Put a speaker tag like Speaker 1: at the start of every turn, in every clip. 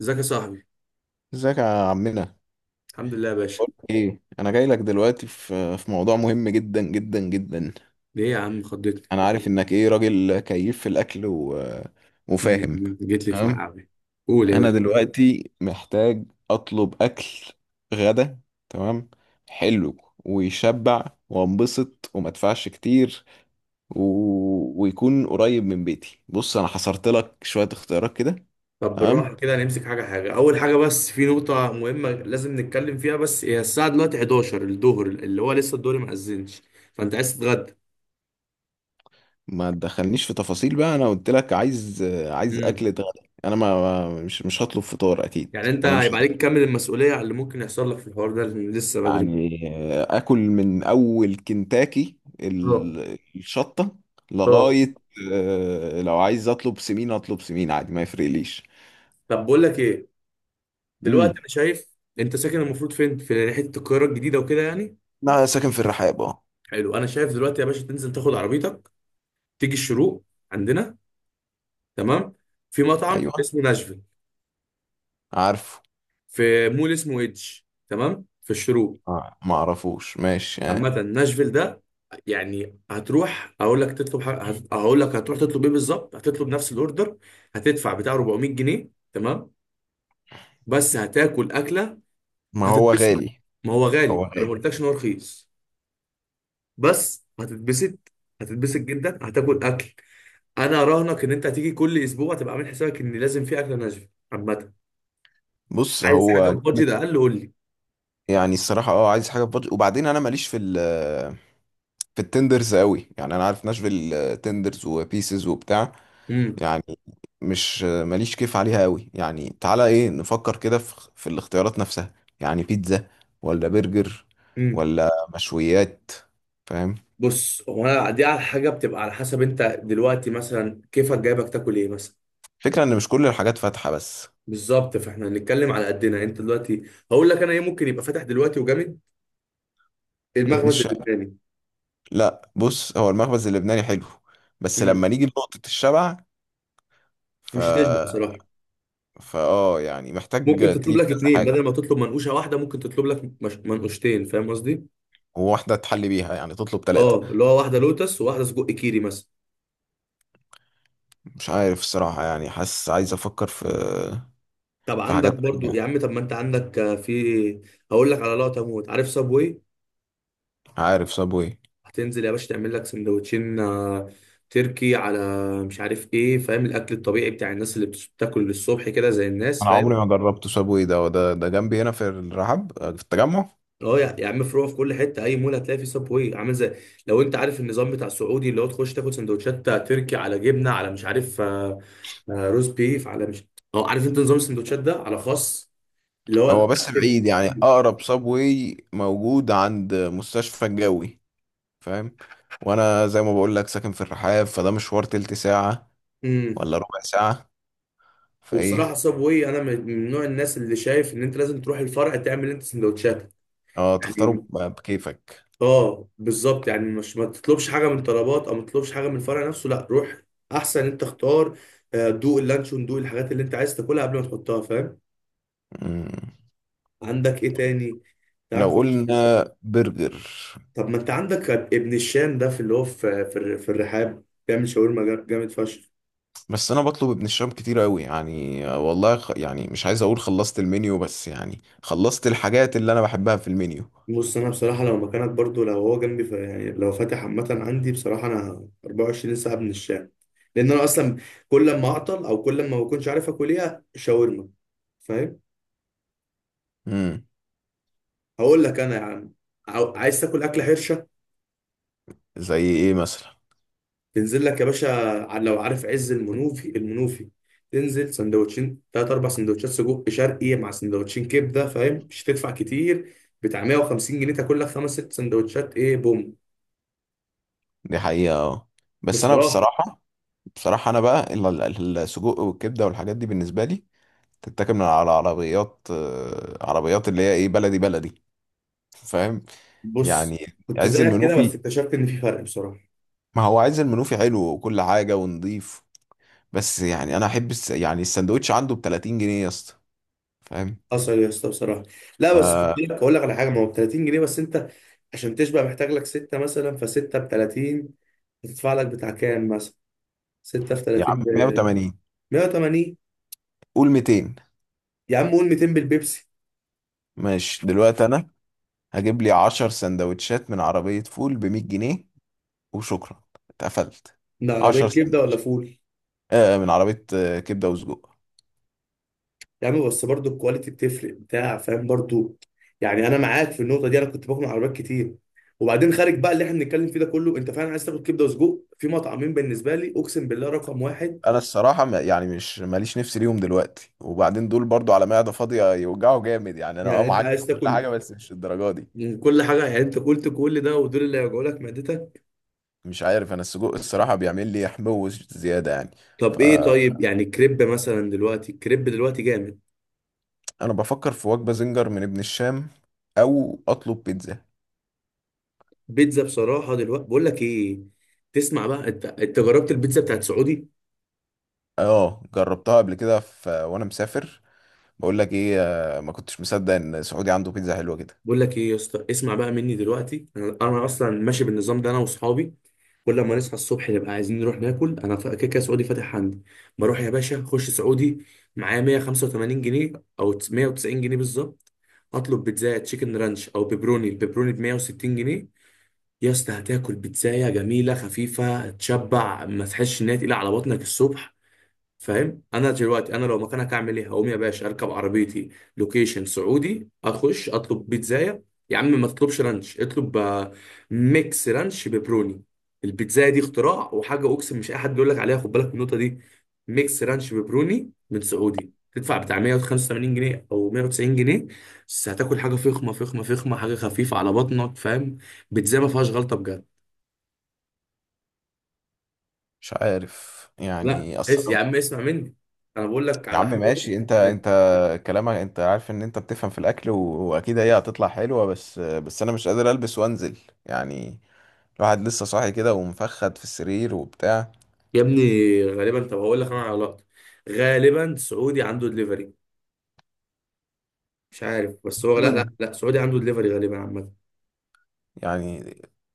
Speaker 1: ازيك يا صاحبي؟
Speaker 2: ازيك يا عمنا.
Speaker 1: الحمد لله يا باشا.
Speaker 2: بقولك ايه، انا جاي لك دلوقتي في موضوع مهم جدا جدا جدا.
Speaker 1: ليه يا عم خضتني؟
Speaker 2: انا عارف انك ايه راجل كيف في الاكل
Speaker 1: مم،
Speaker 2: وفاهم.
Speaker 1: جيت لي في
Speaker 2: تمام.
Speaker 1: ملعبي. قول يا
Speaker 2: انا
Speaker 1: باشا.
Speaker 2: دلوقتي محتاج اطلب اكل غدا. تمام، حلو، ويشبع وانبسط وما ادفعش كتير ويكون قريب من بيتي. بص، انا حصرت لك شوية اختيارات كده.
Speaker 1: طب بالراحه
Speaker 2: تمام.
Speaker 1: كده، نمسك حاجه حاجه. اول حاجه، بس في نقطه مهمه لازم نتكلم فيها، بس هي الساعه دلوقتي 11 الظهر، اللي هو لسه الدوري ما اذنش. فانت عايز تتغدى؟
Speaker 2: ما تدخلنيش في تفاصيل بقى، انا قلت لك عايز اكل
Speaker 1: امم.
Speaker 2: غدا. انا مش هطلب فطار اكيد،
Speaker 1: يعني انت
Speaker 2: وانا مش
Speaker 1: هيبقى عليك
Speaker 2: هطلب.
Speaker 1: تكمل المسؤوليه على اللي ممكن يحصل لك في الحوار ده، لأن لسه بدري.
Speaker 2: يعني اكل من اول كنتاكي
Speaker 1: اه.
Speaker 2: الشطه
Speaker 1: اه.
Speaker 2: لغايه. لو عايز اطلب سمين اطلب سمين عادي، ما يفرقليش.
Speaker 1: طب بقول لك ايه. دلوقتي
Speaker 2: امم
Speaker 1: انا شايف انت ساكن المفروض فين؟ في ناحيه القاهره الجديده وكده يعني.
Speaker 2: انا ساكن في الرحاب، اه.
Speaker 1: حلو، انا شايف دلوقتي يا باشا تنزل تاخد عربيتك، تيجي الشروق عندنا. تمام. في مطعم
Speaker 2: ايوه،
Speaker 1: اسمه ناشفيل،
Speaker 2: عارفه.
Speaker 1: في مول اسمه ايدج. تمام، في الشروق.
Speaker 2: ما اعرفوش، ماشي. آه.
Speaker 1: عامة ناشفيل ده يعني هتروح، اقول لك تطلب حاجة هقول لك هتروح تطلب ايه بالظبط، هتطلب نفس الاوردر، هتدفع بتاع 400 جنيه. تمام، بس هتاكل اكلة
Speaker 2: ما هو
Speaker 1: هتتبسط.
Speaker 2: غالي،
Speaker 1: ما هو
Speaker 2: هو
Speaker 1: غالي، انا ما
Speaker 2: غالي.
Speaker 1: قلتلكش ان هو رخيص، بس هتتبسط، هتتبسط جدا، هتاكل اكل. انا اراهنك ان انت هتيجي كل اسبوع تبقى عامل حسابك ان لازم في اكله ناشفيل. عامة
Speaker 2: بص،
Speaker 1: عايز حاجه
Speaker 2: هو جامد.
Speaker 1: بادجت اقل، قول لي.
Speaker 2: يعني الصراحه، اه، عايز حاجه في بادجت، وبعدين انا ماليش في التندرز قوي، يعني انا عارف ناشفيل، تندرز وبيسز وبتاع. يعني مش ماليش كيف عليها قوي، يعني تعالى ايه، نفكر كده في الاختيارات نفسها. يعني بيتزا ولا برجر
Speaker 1: امم
Speaker 2: ولا مشويات؟ فاهم.
Speaker 1: بص، هو انا دي على حاجه بتبقى على حسب، انت دلوقتي مثلا كيفك جايبك تاكل ايه مثلا.
Speaker 2: فكرة ان مش كل الحاجات فاتحة بس.
Speaker 1: بالظبط، فاحنا هنتكلم على قدنا. انت دلوقتي هقول لك انا ايه ممكن يبقى فاتح دلوقتي وجامد،
Speaker 2: ابن
Speaker 1: المخبز
Speaker 2: الشارع.
Speaker 1: اللبناني.
Speaker 2: لا بص، هو المخبز اللبناني حلو، بس
Speaker 1: مم.
Speaker 2: لما نيجي لنقطة الشبع، ف،
Speaker 1: مش هتشبع بصراحه.
Speaker 2: فاه، يعني محتاج
Speaker 1: ممكن تطلب
Speaker 2: تجيب
Speaker 1: لك
Speaker 2: كذا
Speaker 1: اتنين، بدل
Speaker 2: حاجة.
Speaker 1: ما تطلب منقوشه واحده ممكن تطلب لك مش... منقوشتين، فاهم قصدي.
Speaker 2: وواحدة تحلي بيها، يعني تطلب ثلاثة.
Speaker 1: اه، اللي هو واحده لوتس وواحده سجق كيري مثلا.
Speaker 2: مش عارف الصراحة، يعني حاسس عايز أفكر في
Speaker 1: طب
Speaker 2: في
Speaker 1: عندك
Speaker 2: حاجات
Speaker 1: برضو
Speaker 2: تانية.
Speaker 1: يا عم، طب ما انت عندك في. هقول لك على لقطه موت، عارف صابوي؟
Speaker 2: عارف سابوي.
Speaker 1: هتنزل يا باشا تعمل لك سندوتشين، تركي على مش عارف ايه، فاهم الاكل الطبيعي بتاع الناس اللي بتاكل الصبح كده زي الناس،
Speaker 2: أنا عمري
Speaker 1: فاهم.
Speaker 2: ما جربت سابوي، ده جنبي هنا في الرحاب، في التجمع.
Speaker 1: اه يا عم، فروع في كل حته، اي مول هتلاقي فيه سبوي عامل زي، لو انت عارف النظام بتاع السعودي، اللي هو تخش تاكل سندوتشات تركي على جبنه على مش عارف، روز بيف على مش. اه، عارف انت نظام السندوتشات ده على خاص، اللي هو
Speaker 2: هو بس
Speaker 1: الاكل
Speaker 2: بعيد، يعني
Speaker 1: الخفيف.
Speaker 2: أقرب سابوي موجود عند مستشفى الجوي. فاهم. وأنا زي ما بقول لك ساكن في الرحاب، فده مشوار تلت ساعة
Speaker 1: امم
Speaker 2: ولا ربع ساعة.
Speaker 1: وبصراحه
Speaker 2: فإيه.
Speaker 1: سبوي، انا من نوع الناس اللي شايف ان انت لازم تروح الفرع تعمل انت سندوتشاتك
Speaker 2: اه،
Speaker 1: يعني.
Speaker 2: تختاره بكيفك.
Speaker 1: اه بالظبط، يعني مش ما تطلبش حاجه من طلبات او ما تطلبش حاجه من الفرع نفسه، لا روح احسن انت اختار، دوق اللانشون، دوق الحاجات اللي انت عايز تاكلها قبل ما تحطها، فاهم.
Speaker 2: مم.
Speaker 1: عندك ايه تاني، تعال
Speaker 2: لو
Speaker 1: نخش في
Speaker 2: قلنا برجر.
Speaker 1: طب ما انت عندك ابن الشام ده، في اللي هو في في الرحاب بيعمل شاورما جامد فشخ.
Speaker 2: بس انا بطلب ابن الشام كتير قوي، يعني والله يعني مش عايز اقول خلصت المنيو، بس يعني خلصت الحاجات اللي انا بحبها في المنيو.
Speaker 1: بص انا بصراحه لو مكانك برضو، لو هو جنبي يعني لو فاتح عامه عندي، بصراحه انا 24 ساعه ابن الشام، لان انا اصلا كل ما اعطل او كل ما بكونش عارف اكل ايه، شاورما، فاهم.
Speaker 2: امم
Speaker 1: هقول لك انا يا عم، عايز تاكل اكله حرشه،
Speaker 2: زي ايه مثلا؟
Speaker 1: تنزل لك يا باشا، لو عارف عز المنوفي، المنوفي تنزل سندوتشين، تلات اربع سندوتشات سجق شرقي مع سندوتشين كبده، فاهم مش هتدفع كتير، بتاع 150 جنيه تاكل لك خمس ست سندوتشات، ايه بوم
Speaker 2: دي حقيقة، اه. بس انا
Speaker 1: بصراحه.
Speaker 2: بصراحة انا بقى السجق والكبدة والحاجات دي بالنسبة لي تتاكل من على عربيات، عربيات اللي هي ايه، بلدي بلدي. فاهم.
Speaker 1: بص،
Speaker 2: يعني
Speaker 1: كنت
Speaker 2: عز
Speaker 1: زيك كده بس
Speaker 2: المنوفي.
Speaker 1: اكتشفت ان في فرق بصراحه.
Speaker 2: ما هو عز المنوفي حلو وكل حاجة ونضيف. بس يعني انا احب يعني السندوتش عنده ب 30 جنيه يا اسطى. فاهم.
Speaker 1: حصل إيه يا اسطى بصراحه؟ لا
Speaker 2: ف،
Speaker 1: بس كنت لك هقول لك على حاجه، ما هو ب 30 جنيه، بس انت عشان تشبع محتاج لك سته مثلا، فسته ب 30، هتدفع لك بتاع كام مثلا، 6 في
Speaker 2: يا
Speaker 1: 30.
Speaker 2: عم 180.
Speaker 1: 180.
Speaker 2: قول 200.
Speaker 1: يا عم قول 200 بالبيبسي.
Speaker 2: ماشي، دلوقتي انا هجيب لي 10 سندوتشات من عربية فول ب 100 جنيه، وشكرا. اتقفلت.
Speaker 1: ده عربية
Speaker 2: 10
Speaker 1: كبدة ولا
Speaker 2: سندوتشات،
Speaker 1: فول؟
Speaker 2: من عربية، كبدة وسجق.
Speaker 1: يا عم، بس برضو الكواليتي بتفرق بتاع، فاهم برضو، يعني أنا معاك في النقطة دي، أنا كنت باكل من عربيات كتير، وبعدين خارج بقى اللي احنا بنتكلم فيه ده كله، أنت فعلا عايز تاكل كبدة وسجق، في مطعمين بالنسبة لي أقسم بالله رقم واحد.
Speaker 2: انا الصراحة ما يعني مش ماليش نفس ليهم دلوقتي، وبعدين دول برضو على معدة فاضية يوجعوا جامد. يعني انا اه،
Speaker 1: يعني أنت
Speaker 2: معاك في
Speaker 1: عايز
Speaker 2: كل
Speaker 1: تاكل
Speaker 2: حاجة، بس مش الدرجة دي.
Speaker 1: من كل حاجة، يعني أنت قلت كل ده، ودول اللي هيوجعوا لك معدتك.
Speaker 2: مش عارف، انا السجق الصراحة بيعمل لي حموضة زيادة يعني.
Speaker 1: طب إيه، طيب
Speaker 2: فانا
Speaker 1: يعني كريب مثلا دلوقتي، الكريب دلوقتي جامد.
Speaker 2: بفكر في وجبة زنجر من ابن الشام، او اطلب بيتزا.
Speaker 1: بيتزا بصراحة دلوقتي بقول لك إيه، تسمع بقى، أنت جربت البيتزا بتاعت سعودي؟
Speaker 2: اه، جربتها قبل كده في وانا مسافر. بقول لك ايه، ما كنتش مصدق ان سعودي عنده بيتزا حلوه كده.
Speaker 1: بقول لك ايه يا اسطى، اسمع بقى مني دلوقتي، انا اصلا ماشي بالنظام ده، انا واصحابي كل ما نصحى الصبح نبقى عايزين نروح ناكل، انا كده كده سعودي فاتح عندي، بروح يا باشا اخش سعودي، معايا 185 جنيه او 190 جنيه بالظبط، اطلب بيتزا تشيكن رانش او بيبروني، البيبروني ب 160 جنيه. يا اسطى هتاكل بيتزايه جميله خفيفه، تشبع ما تحسش ان هي تقيله على بطنك الصبح، فاهم. انا دلوقتي انا لو مكانك هعمل ايه، هقوم يا باشا اركب عربيتي، لوكيشن سعودي، اخش اطلب بيتزايه. يا عم ما تطلبش رانش، اطلب ميكس رانش ببروني، البيتزايه دي اختراع وحاجه اقسم، مش اي حد يقول لك عليها، خد بالك من النقطه دي. ميكس رانش ببروني من سعودي، تدفع بتاع 185 جنيه او 190 جنيه، بس هتاكل حاجه فخمه فخمه فخمه، حاجه خفيفه على بطنك، فاهم، بيتزايه ما فيهاش غلطه بجد.
Speaker 2: مش عارف
Speaker 1: لا
Speaker 2: يعني
Speaker 1: اس يا
Speaker 2: اصلا.
Speaker 1: عم اسمع مني، انا بقول لك
Speaker 2: يا
Speaker 1: على
Speaker 2: عم
Speaker 1: حاجه.
Speaker 2: ماشي، انت كلامك، انت عارف ان انت بتفهم في الاكل واكيد هي هتطلع حلوه، بس انا مش قادر البس وانزل، يعني الواحد لسه صاحي كده، ومفخد في السرير وبتاع.
Speaker 1: يا ابني، غالبا، طب هقول لك انا على لقطه، غالبا سعودي عنده دليفري، مش عارف، بس هو لا
Speaker 2: يتضمن
Speaker 1: لا لا، سعودي عنده دليفري غالبا عامه،
Speaker 2: يعني؟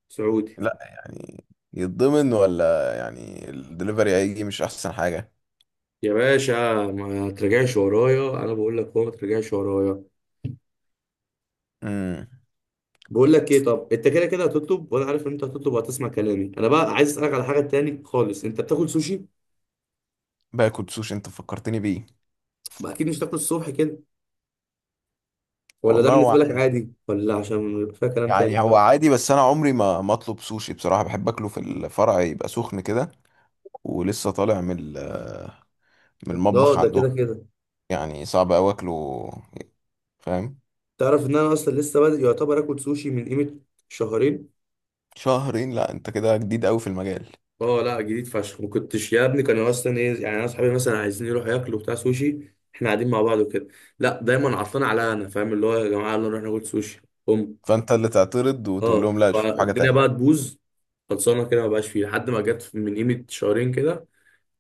Speaker 1: سعودي.
Speaker 2: لا يعني يتضمن، ولا يعني الدليفري هيجي مش احسن حاجه؟
Speaker 1: يا باشا، ما ترجعش ورايا، انا بقول لك، هو ما ترجعش ورايا.
Speaker 2: امم
Speaker 1: بقول لك ايه، طب انت كده كده هتطلب، وانا عارف ان انت هتطلب وهتسمع كلامي، انا بقى عايز اسالك على حاجه تاني خالص، انت بتاكل سوشي؟
Speaker 2: باكل سوشي، انت فكرتني بيه.
Speaker 1: بقى اكيد مش تاكل الصبح كده، ولا ده
Speaker 2: والله
Speaker 1: بالنسبه
Speaker 2: هو
Speaker 1: لك عادي، ولا عشان يبقى فيها كلام
Speaker 2: يعني
Speaker 1: تاني؟
Speaker 2: هو عادي، بس انا عمري ما اطلب سوشي بصراحه، بحب اكله في الفرع يبقى سخن كده، ولسه طالع من
Speaker 1: لا
Speaker 2: المطبخ
Speaker 1: ده
Speaker 2: عندهم.
Speaker 1: كده كده.
Speaker 2: يعني صعب قوي اكله. فاهم.
Speaker 1: تعرف ان انا اصلا لسه بادئ يعتبر اكل سوشي من قيمه شهرين.
Speaker 2: شهرين؟ لا، انت كده جديد قوي في المجال.
Speaker 1: اه لا، جديد فشخ، ما كنتش يا ابني، كانوا اصلا ايه يعني، انا اصحابي مثلا عايزين يروحوا ياكلوا بتاع سوشي، احنا قاعدين مع بعض وكده، لا دايما عطلان على انا، فاهم اللي هو يا جماعه يلا نروح ناكل سوشي. ام
Speaker 2: فانت اللي تعترض وتقول
Speaker 1: اه،
Speaker 2: لهم لا، شوف حاجه
Speaker 1: فالدنيا
Speaker 2: تانية.
Speaker 1: بقى تبوظ، خلصانه كده ما بقاش فيه، لحد ما جت من قيمه شهرين كده،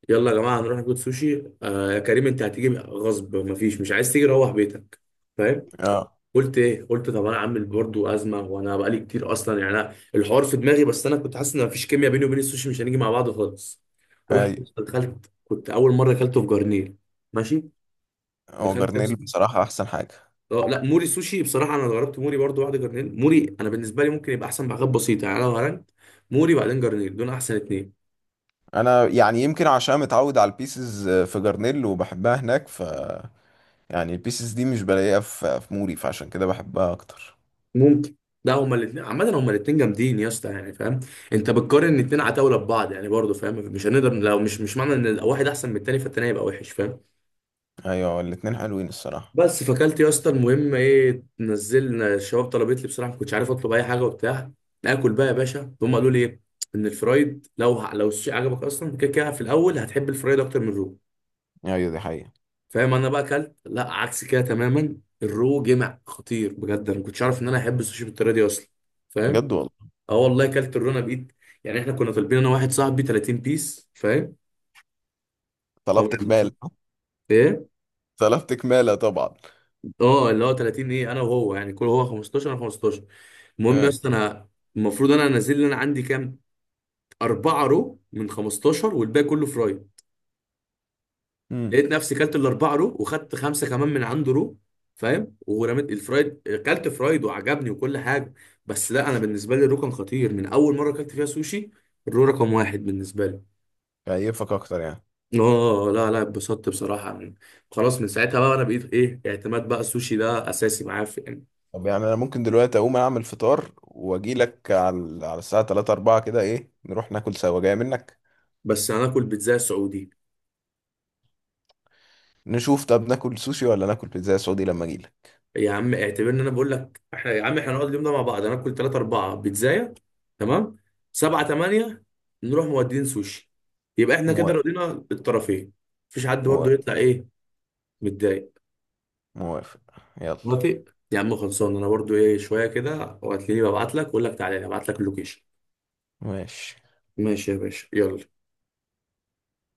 Speaker 1: يلا يا جماعه هنروح ناكل سوشي، آه يا كريم انت هتيجي غصب، ما فيش مش عايز تيجي روح بيتك، فاهم.
Speaker 2: اه.
Speaker 1: قلت ايه، قلت طب انا عامل برضه ازمه، وانا بقالي كتير اصلا يعني، أنا الحوار في دماغي، بس انا كنت حاسس ان مفيش كيمياء بيني وبين السوشي، مش هنيجي مع بعض خالص. رحت
Speaker 2: هاي.
Speaker 1: دخلت، كنت اول مره اكلته في جرنيل. ماشي،
Speaker 2: هو
Speaker 1: دخلت يا
Speaker 2: جرنيل
Speaker 1: اسطى.
Speaker 2: بصراحه احسن حاجه.
Speaker 1: اه لا موري سوشي بصراحه، انا جربت موري برضه، واحده جرنيل موري، انا بالنسبه لي ممكن يبقى احسن بحاجات بسيطه يعني، انا لو هرنت موري بعدين جرنيل، دول احسن اتنين.
Speaker 2: انا يعني يمكن عشان متعود على البيسز في جرنيل وبحبها هناك، ف يعني البيسز دي مش بلاقيها في موري، فعشان كده بحبها اكتر.
Speaker 1: ممكن، لا هما الاثنين عامة، هما الاثنين جامدين يا اسطى، يعني فاهم، انت بتقارن اتنين عتاولة ببعض يعني برضه، فاهم مش هنقدر، لو مش معنى ان واحد احسن من التاني فالتاني هيبقى وحش، فاهم.
Speaker 2: ايوه، الاتنين حلوين الصراحه.
Speaker 1: بس فاكلت يا اسطى، المهم ايه، نزلنا الشباب طلبت لي بصراحه، ما كنتش عارف اطلب اي حاجه وبتاع، ناكل بقى يا باشا، هم قالوا لي ايه، ان الفرايد لو السوشي عجبك اصلا كده كده، في الاول هتحب الفرايد اكتر من الرو.
Speaker 2: ايوه، دي حقيقة.
Speaker 1: فاهم، انا بقى اكلت، لا عكس كده تماما، الرو جمع خطير بجد، انا ما كنتش عارف ان انا احب السوشي بالطريقه دي اصلا، فاهم.
Speaker 2: بجد والله.
Speaker 1: اه والله، اكلت الرو انا بقيت يعني، احنا كنا طالبين انا واحد صاحبي 30 بيس فاهم، هو
Speaker 2: طلبت
Speaker 1: يعني-.
Speaker 2: كمالة،
Speaker 1: ايه،
Speaker 2: طلبت كمالة طبعا.
Speaker 1: اه اللي هو 30، ايه انا وهو يعني، كل هو 15 انا 15. المهم يا
Speaker 2: هاي.
Speaker 1: اسطى انا المفروض انا انزل لي، انا عندي كام، اربعه رو من 15 والباقي كله فراي.
Speaker 2: امم
Speaker 1: لقيت نفسي كلت الاربعه رو، وخدت خمسه كمان من عنده رو، فاهم، ورميت الفرايد، كلت فرايد وعجبني وكل حاجه، بس لا، انا بالنسبه لي الرو كان خطير من اول مره كلت فيها سوشي، الرو رقم واحد بالنسبه لي.
Speaker 2: كيفك اكتر يعني؟
Speaker 1: اه لا لا، اتبسطت بصراحه من، خلاص من ساعتها بقى، انا بقيت ايه اعتماد، بقى السوشي ده اساسي معايا في يعني.
Speaker 2: طب يعني انا ممكن دلوقتي اقوم اعمل فطار واجي لك على الساعة 3 4 كده، ايه نروح ناكل سوا؟ جاي منك.
Speaker 1: بس هناكل بيتزا سعودي.
Speaker 2: نشوف، طب ناكل سوشي ولا ناكل بيتزا سعودي لما اجي لك؟
Speaker 1: يا عم اعتبر ان انا بقول لك، احنا يا عم احنا نقعد اليوم ده مع بعض، انا اكل 3 4 بيتزايه، تمام، 7 8، نروح مودين سوشي، يبقى احنا كده
Speaker 2: موافق.
Speaker 1: رضينا الطرفين، مفيش حد برضه
Speaker 2: موافق.
Speaker 1: يطلع ايه متضايق.
Speaker 2: موافق. يلا.
Speaker 1: موافق. يا عم خلصان، انا برضه ايه شويه كده وهتلاقيني ببعت لك، واقول لك تعالى، ابعت لك اللوكيشن.
Speaker 2: ماشي.
Speaker 1: ماشي يا باشا يلا.